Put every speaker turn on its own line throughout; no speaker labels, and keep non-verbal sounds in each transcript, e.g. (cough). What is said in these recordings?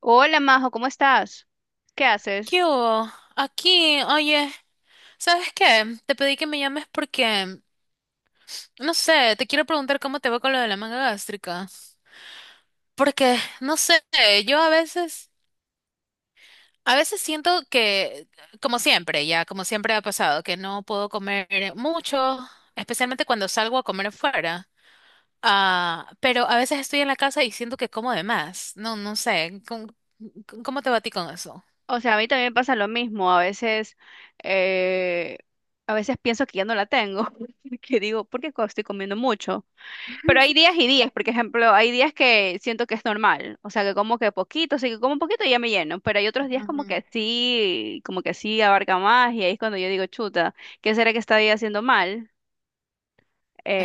Hola Majo, ¿cómo estás? ¿Qué haces?
¿Qué hubo? Aquí, oye, ¿sabes qué? Te pedí que me llames porque, no sé, te quiero preguntar cómo te va con lo de la manga gástrica. Porque, no sé, yo a veces siento que, como siempre, ya, como siempre ha pasado, que no puedo comer mucho, especialmente cuando salgo a comer afuera. Ah, pero a veces estoy en la casa y siento que como de más. No, no sé, ¿cómo, cómo te va a ti con eso?
O sea, a mí también me pasa lo mismo. Eh, a veces pienso que ya no la tengo, (laughs) que digo, ¿por qué estoy comiendo mucho? Pero hay
(laughs)
días y días, por ejemplo, hay días que siento que es normal, o sea, que como que poquito, o sea, que como un poquito y ya me lleno, pero hay otros días
Ujú.
como que sí abarca más y ahí es cuando yo digo, chuta, ¿qué será que estoy haciendo mal?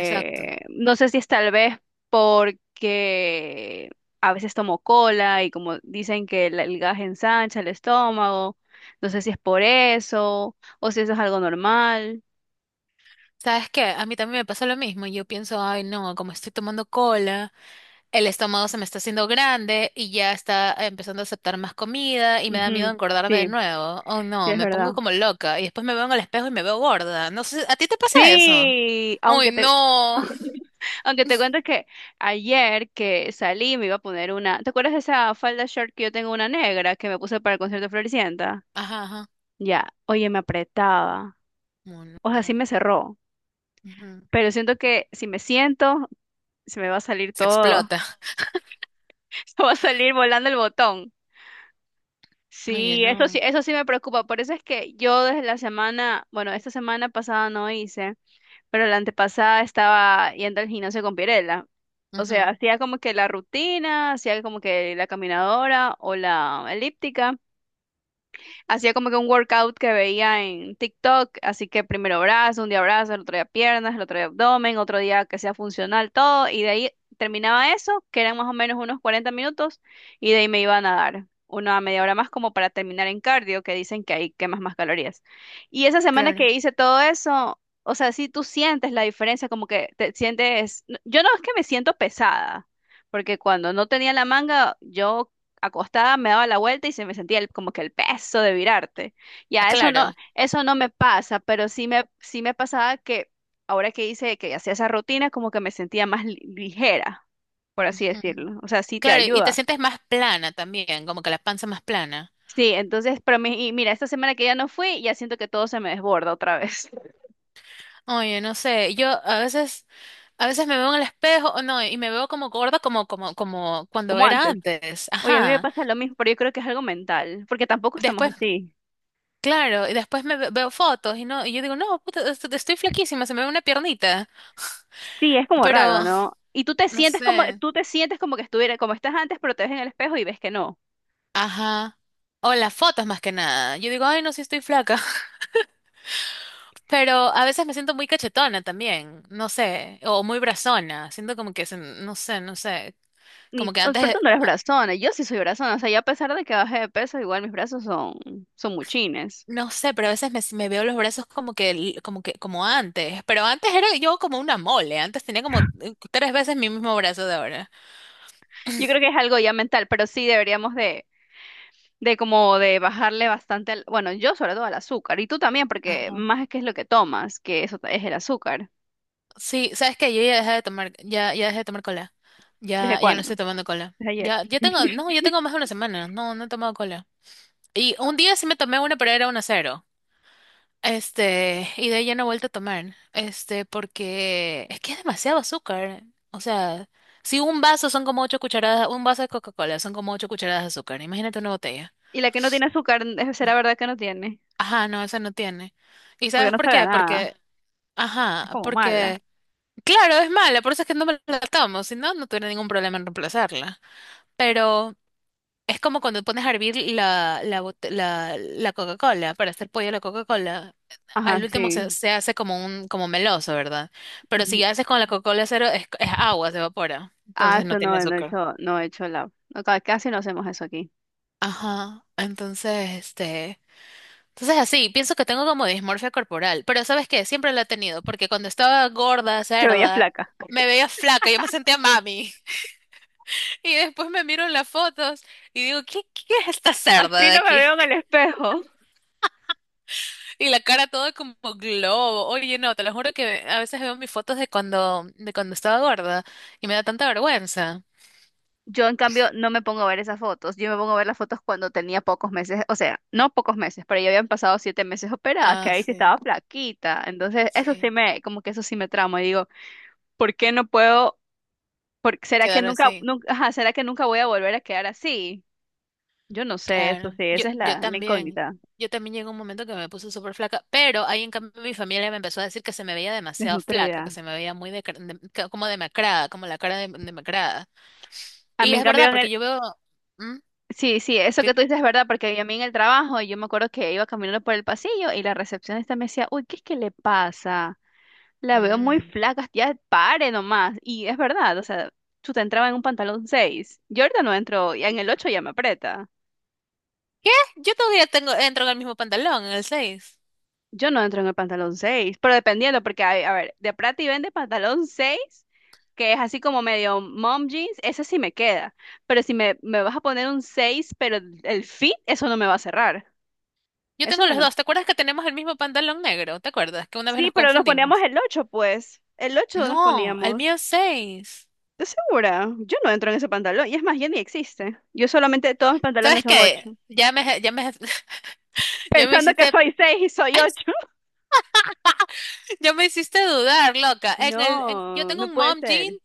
Exacto.
No sé si es tal vez porque a veces tomo cola y como dicen que el gas ensancha el estómago, no sé si es por eso o si eso es algo normal.
¿Sabes qué? A mí también me pasa lo mismo. Yo pienso, ay, no, como estoy tomando cola, el estómago se me está haciendo grande y ya está empezando a aceptar más comida y me da miedo
Ujú.
engordarme de
Sí,
nuevo. Oh,
sí
no,
es
me
verdad.
pongo como loca y después me veo en el espejo y me veo gorda. No sé, ¿a ti te pasa eso?
Sí,
Uy,
aunque te,
no.
(laughs) aunque te cuento que ayer que salí me iba a poner una, ¿te acuerdas de esa falda short que yo tengo una negra que me puse para el concierto de Floricienta?
Ajá, ajá.
Ya, oye, me apretaba.
Oh,
O sea, sí
no.
me cerró.
Ujú.
Pero siento que si me siento, se me va a salir
Se
todo.
explota.
(laughs) Se va a salir volando el botón.
Oye,
Sí, eso sí,
no.
eso sí me preocupa. Por eso es que yo desde la semana, bueno, esta semana pasada no hice, pero la antepasada estaba yendo al gimnasio con Pirela. O sea,
Ujú.
hacía como que la rutina, hacía como que la caminadora o la elíptica. Hacía como que un workout que veía en TikTok, así que primero brazo, un día brazo, el otro día piernas, el otro día abdomen, otro día que sea funcional, todo, y de ahí terminaba eso, que eran más o menos unos 40 minutos, y de ahí me iba a nadar. Una media hora más como para terminar en cardio, que dicen que ahí quemas más calorías. Y esa semana
Claro.
que hice todo eso, o sea, sí tú sientes la diferencia, como que te sientes, no, yo no es que me siento pesada, porque cuando no tenía la manga, yo acostada, me daba la vuelta y se me sentía como que el peso de virarte. Ya,
Claro.
eso no me pasa, pero sí me pasaba que ahora que hice, que hacía esa rutina, como que me sentía más ligera, por así
Ujú.
decirlo. O sea, sí te
Claro, y te
ayuda.
sientes más plana también, como que la panza más plana.
Sí, entonces, pero y mira, esta semana que ya no fui, ya siento que todo se me desborda otra vez, (laughs)
Oye, no sé, yo a veces me veo en el espejo, o no, y me veo como gorda, como, como, como cuando
como
era
antes.
antes,
Oye, a mí me
ajá.
pasa lo mismo, pero yo creo que es algo mental, porque tampoco estamos
Después,
así.
claro, y después veo fotos y no, y yo digo, no, puta, estoy flaquísima, se me ve una piernita,
Sí, es como
pero
raro, ¿no? Y tú te
no
sientes como,
sé,
tú te sientes como que estuviera, como estás antes, pero te ves en el espejo y ves que no.
ajá. O las fotos más que nada. Yo digo, ay, no, sí estoy flaca. (laughs) Pero a veces me siento muy cachetona también, no sé, o muy brazona, siento como que, no sé,
Ni,
como que
oh,
antes.
perdón, no eres brazona, yo sí soy brazona, o sea, yo a pesar de que bajé de peso, igual mis brazos son, son muchines.
No sé, pero a veces me, si me veo los brazos como que, como que, como antes. Pero antes era yo como una mole. Antes tenía como tres veces mi mismo brazo de ahora.
Yo creo que es algo ya mental, pero sí deberíamos de como de bajarle bastante, al- bueno, yo sobre todo al azúcar, y tú también, porque
Ajá.
más es que es lo que tomas, que eso es el azúcar.
Sí, sabes que yo ya dejé de tomar, ya, ya dejé de tomar cola.
¿Desde
Ya, ya no
cuándo?
estoy tomando cola.
Desde ayer.
Ya, ya tengo, no,
(laughs)
yo tengo más de una semana. No, no he tomado cola. Y un día sí me tomé una, pero era una cero. Y de ahí ya no he vuelto a tomar, porque es que es demasiado azúcar. O sea, si un vaso son como ocho cucharadas, un vaso de Coca-Cola son como ocho cucharadas de azúcar. Imagínate una botella.
Y la que no tiene azúcar, será verdad que no tiene,
Ajá, no, esa no tiene. ¿Y
porque
sabes
no
por
sabe a
qué?
nada,
Porque,
es
ajá,
como mala.
porque, claro, es mala, por eso es que no me la tomo, si no, no tuviera ningún problema en reemplazarla. Pero es como cuando pones a hervir la Coca-Cola para hacer pollo a la Coca-Cola.
Ajá,
Al último se,
sí.
se hace como un como meloso, ¿verdad? Pero si
Ujú.
haces con la Coca-Cola cero, es agua, se evapora.
Ah,
Entonces no
eso
tiene
no, no he
azúcar.
hecho, no he hecho la, no, casi no hacemos eso aquí.
Ajá. Entonces, este. Entonces así, pienso que tengo como dismorfia corporal. Pero ¿sabes qué? Siempre la he tenido, porque cuando estaba gorda,
Te veía
cerda,
flaca.
me veía flaca, yo me sentía mami. (laughs) Y después me miro en las fotos y digo, ¿qué, qué es esta cerda
Así
de
no me
aquí?
veo en el espejo.
Y la cara toda como globo. Oye, no, te lo juro que a veces veo mis fotos de cuando estaba gorda y me da tanta vergüenza.
Yo, en cambio, no me pongo a ver esas fotos. Yo me pongo a ver las fotos cuando tenía pocos meses, o sea, no pocos meses, pero ya habían pasado 7 meses operada, que
Ah,
ahí sí
sí,
estaba flaquita. Entonces, eso sí
sí,
me, como que eso sí me tramo. Y digo, ¿por qué no puedo? ¿Será que
quedar
nunca,
así.
nunca, ajá, será que nunca voy a volver a quedar así? Yo no sé, eso
Claro.
sí,
Yo,
esa es
yo
la, la
también.
incógnita,
Yo también llegué a un momento que me puse súper flaca, pero ahí en cambio mi familia me empezó a decir que se me veía demasiado flaca, que
desnutrida.
se me veía muy de, como demacrada, como la cara de, demacrada.
A
Y
mí, en
es
cambio,
verdad,
en el,
porque yo veo... ¿Mm?
sí, sí, eso
¿Qué?
que tú dices es verdad, porque a mí en el trabajo, yo me acuerdo que iba caminando por el pasillo y la recepcionista me decía, uy, ¿qué es que le pasa? La veo muy
Mm.
flaca, ya pare nomás. Y es verdad, o sea, chuta, entraba en un pantalón seis. Yo ahorita no entro, ya en el 8 ya me aprieta.
¿Qué? Yo todavía tengo, entro en el mismo pantalón, en el seis.
Yo no entro en el pantalón 6, pero dependiendo, porque, a ver, de Prati vende pantalón 6 que es así como medio mom jeans, ese sí me queda. Pero si me, me vas a poner un 6, pero el fit, eso no me va a cerrar.
Yo
Eso
tengo
me
los
no.
dos. ¿Te acuerdas que tenemos el mismo pantalón negro? ¿Te acuerdas que una vez
Sí,
nos
pero nos poníamos
confundimos?
el 8, pues. El 8 nos
No, el
poníamos.
mío es seis.
¿Estás segura? Yo no entro en ese pantalón. Y es más, ya ni existe. Yo solamente, todos mis pantalones
¿Sabes
son
qué?
8.
(laughs) Ya me
Pensando que
hiciste,
soy seis y soy ocho. (laughs)
ya me hiciste dudar, loca. Yo
No,
tengo
no
un
puede
mom jean
ser.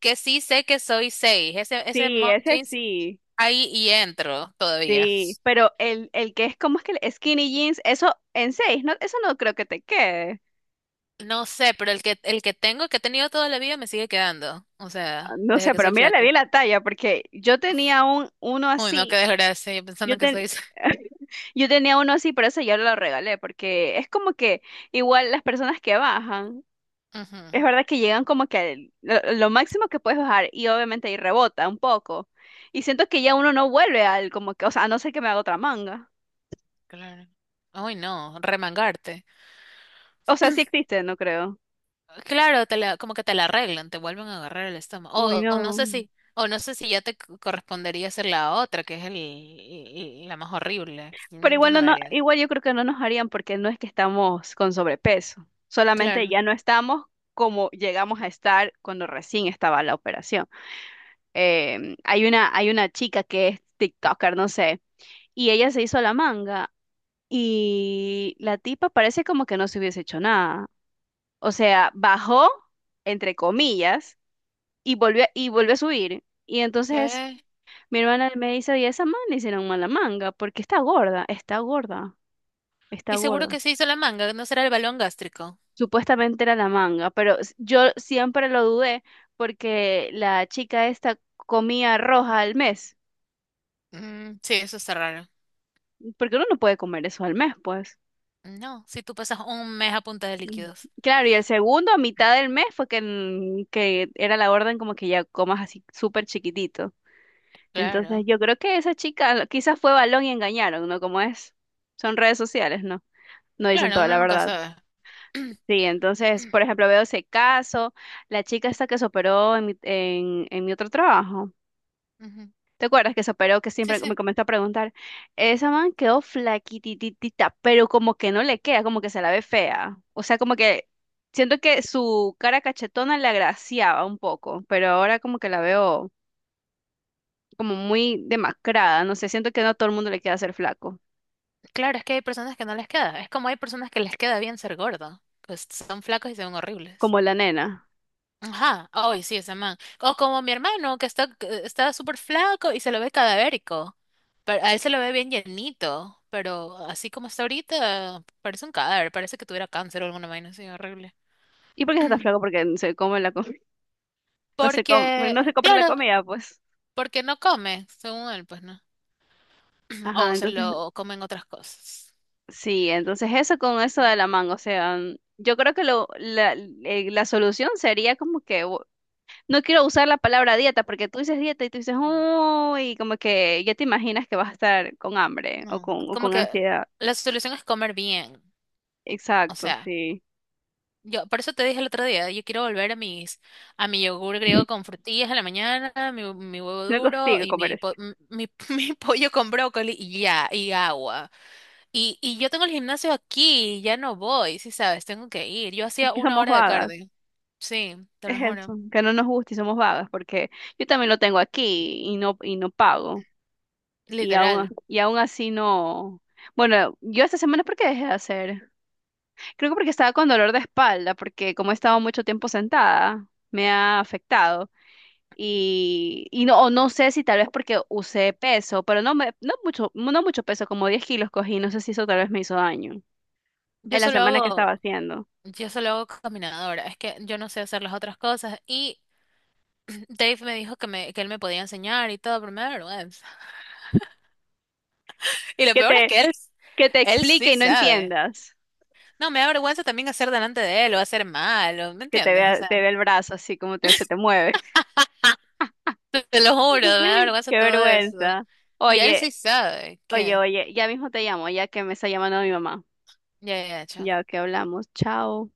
que sí sé que soy seis. Ese
Sí,
mom
ese
jeans
sí,
ahí y entro todavía.
sí. Pero el que es como es que el skinny jeans, eso en seis, no, eso no creo que te quede.
No sé, pero el que tengo, que he tenido toda la vida, me sigue quedando. O
Ah,
sea,
no
desde
sé,
que
pero
soy
mira, le vi
flaca.
la talla, porque yo tenía un, uno
Uy, no, qué
así.
desgracia, yo pensando
Yo,
que
ten,
soy.
(laughs) yo tenía uno así, pero ese yo lo regalé, porque es como que igual las personas que bajan.
(laughs)
Es
Ujú,
verdad que llegan como que lo máximo que puedes bajar y obviamente ahí rebota un poco. Y siento que ya uno no vuelve al como que, o sea, a no ser que me haga otra manga.
claro. Uy, no, remangarte.
O sea, sí existe, no creo.
Claro, como que te la arreglan, te vuelven a agarrar el estómago.
Uy,
O no
no.
sé si, o no sé si ya te correspondería hacer la otra, que es la más horrible.
Pero
Mm, yo
igual
no
no,
me haría.
igual yo creo que no nos harían porque no es que estamos con sobrepeso. Solamente
Claro.
ya no estamos como llegamos a estar cuando recién estaba la operación. Hay una, hay una chica que es TikToker, no sé, y ella se hizo la manga. Y la tipa parece como que no se hubiese hecho nada. O sea, bajó, entre comillas, y volvió a subir. Y entonces
¿Qué?
mi hermana me dice, y esa man le hicieron mala manga, porque está gorda, está gorda, está
Y seguro
gorda.
que se hizo la manga, ¿no será el balón gástrico?
Supuestamente era la manga, pero yo siempre lo dudé porque la chica esta comía roja al mes,
Mm, sí, eso está raro.
porque uno no puede comer eso al mes, pues.
No, si tú pasas un mes a punta de
Mm.
líquidos.
Claro, y el segundo, a mitad del mes, fue que, mm, que era la orden como que ya comas así súper chiquitito. Entonces
Claro.
yo creo que esa chica quizás fue balón y engañaron, ¿no? Como es, son redes sociales, ¿no? No dicen
Claro,
toda
uno
la
nunca
verdad.
sabe. (clears throat)
Sí, entonces, por ejemplo, veo ese caso, la chica esta que se operó en mi otro trabajo.
Ujú.
¿Te acuerdas que se operó, que
Sí,
siempre me
sí.
comenzó a preguntar? Esa man quedó flaquititita, pero como que no le queda, como que se la ve fea. O sea, como que siento que su cara cachetona le agraciaba un poco, pero ahora como que la veo como muy demacrada, no sé, siento que no a todo el mundo le queda ser flaco.
Claro, es que hay personas que no les queda. Es como hay personas que les queda bien ser gordo, que son flacos y se ven horribles.
Como la nena.
Ajá, ay, sí, ese man. O como mi hermano, que está súper flaco y se lo ve cadavérico. Pero a él se lo ve bien llenito, pero así como está ahorita, parece un cadáver, parece que tuviera cáncer o alguna vaina así horrible.
¿Y por qué está tan
(clears throat)
flaco? Porque no se come la com- (laughs) no se come, no se
Porque,
compra la
claro,
comida, pues.
porque no come, según él, pues no. (clears throat)
Ajá,
O se
entonces,
lo comen otras cosas.
sí, entonces eso con eso de la manga, o sea, mm, yo creo que la solución sería como que, no quiero usar la palabra dieta, porque tú dices dieta y tú dices, uy, como que ya te imaginas que vas a estar con hambre
No,
o
como
con
que
ansiedad.
la solución es comer bien, o
Exacto,
sea.
sí.
Yo, por eso te dije el otro día, yo quiero volver a mis, a mi yogur griego con frutillas en la mañana, mi huevo
No
duro
consigo
y
comer
mi,
eso.
(laughs) mi pollo con brócoli y ya, y agua. Y yo tengo el gimnasio aquí, y ya no voy, sí sabes, tengo que ir. Yo
Es
hacía
que
una
somos
hora de
vagas,
cardio, sí, te
es
lo juro,
eso, que no nos gusta y somos vagas, porque yo también lo tengo aquí y no pago.
literal.
Y aún así no. Bueno, yo esta semana, ¿por qué dejé de hacer? Creo que porque estaba con dolor de espalda, porque como he estado mucho tiempo sentada, me ha afectado. Y no, o no sé si tal vez porque usé peso, pero no, me, no mucho, no mucho peso, como 10 kilos cogí, no sé si eso tal vez me hizo daño
Yo
en la
solo
semana que estaba
hago,
haciendo.
yo solo hago caminadora, es que yo no sé hacer las otras cosas y (clears throat) Dave me dijo que me, que él me podía enseñar y todo, pero me da vergüenza. (laughs) Y lo
Que
peor es
te,
que él,
que te
él
explique
sí
y no
sabe.
entiendas,
No, me da vergüenza también hacer delante de él o hacer malo, ¿me
que
entiendes? O sea,
te vea el brazo así como te, se te mueve.
te lo juro, me da
(laughs)
vergüenza
Qué
todo eso.
vergüenza.
Y él
Oye,
sí sabe
oye,
que.
oye, ya mismo te llamo, ya que me está llamando mi mamá.
Ya, ya, ya, chao.
Ya que hablamos, chao.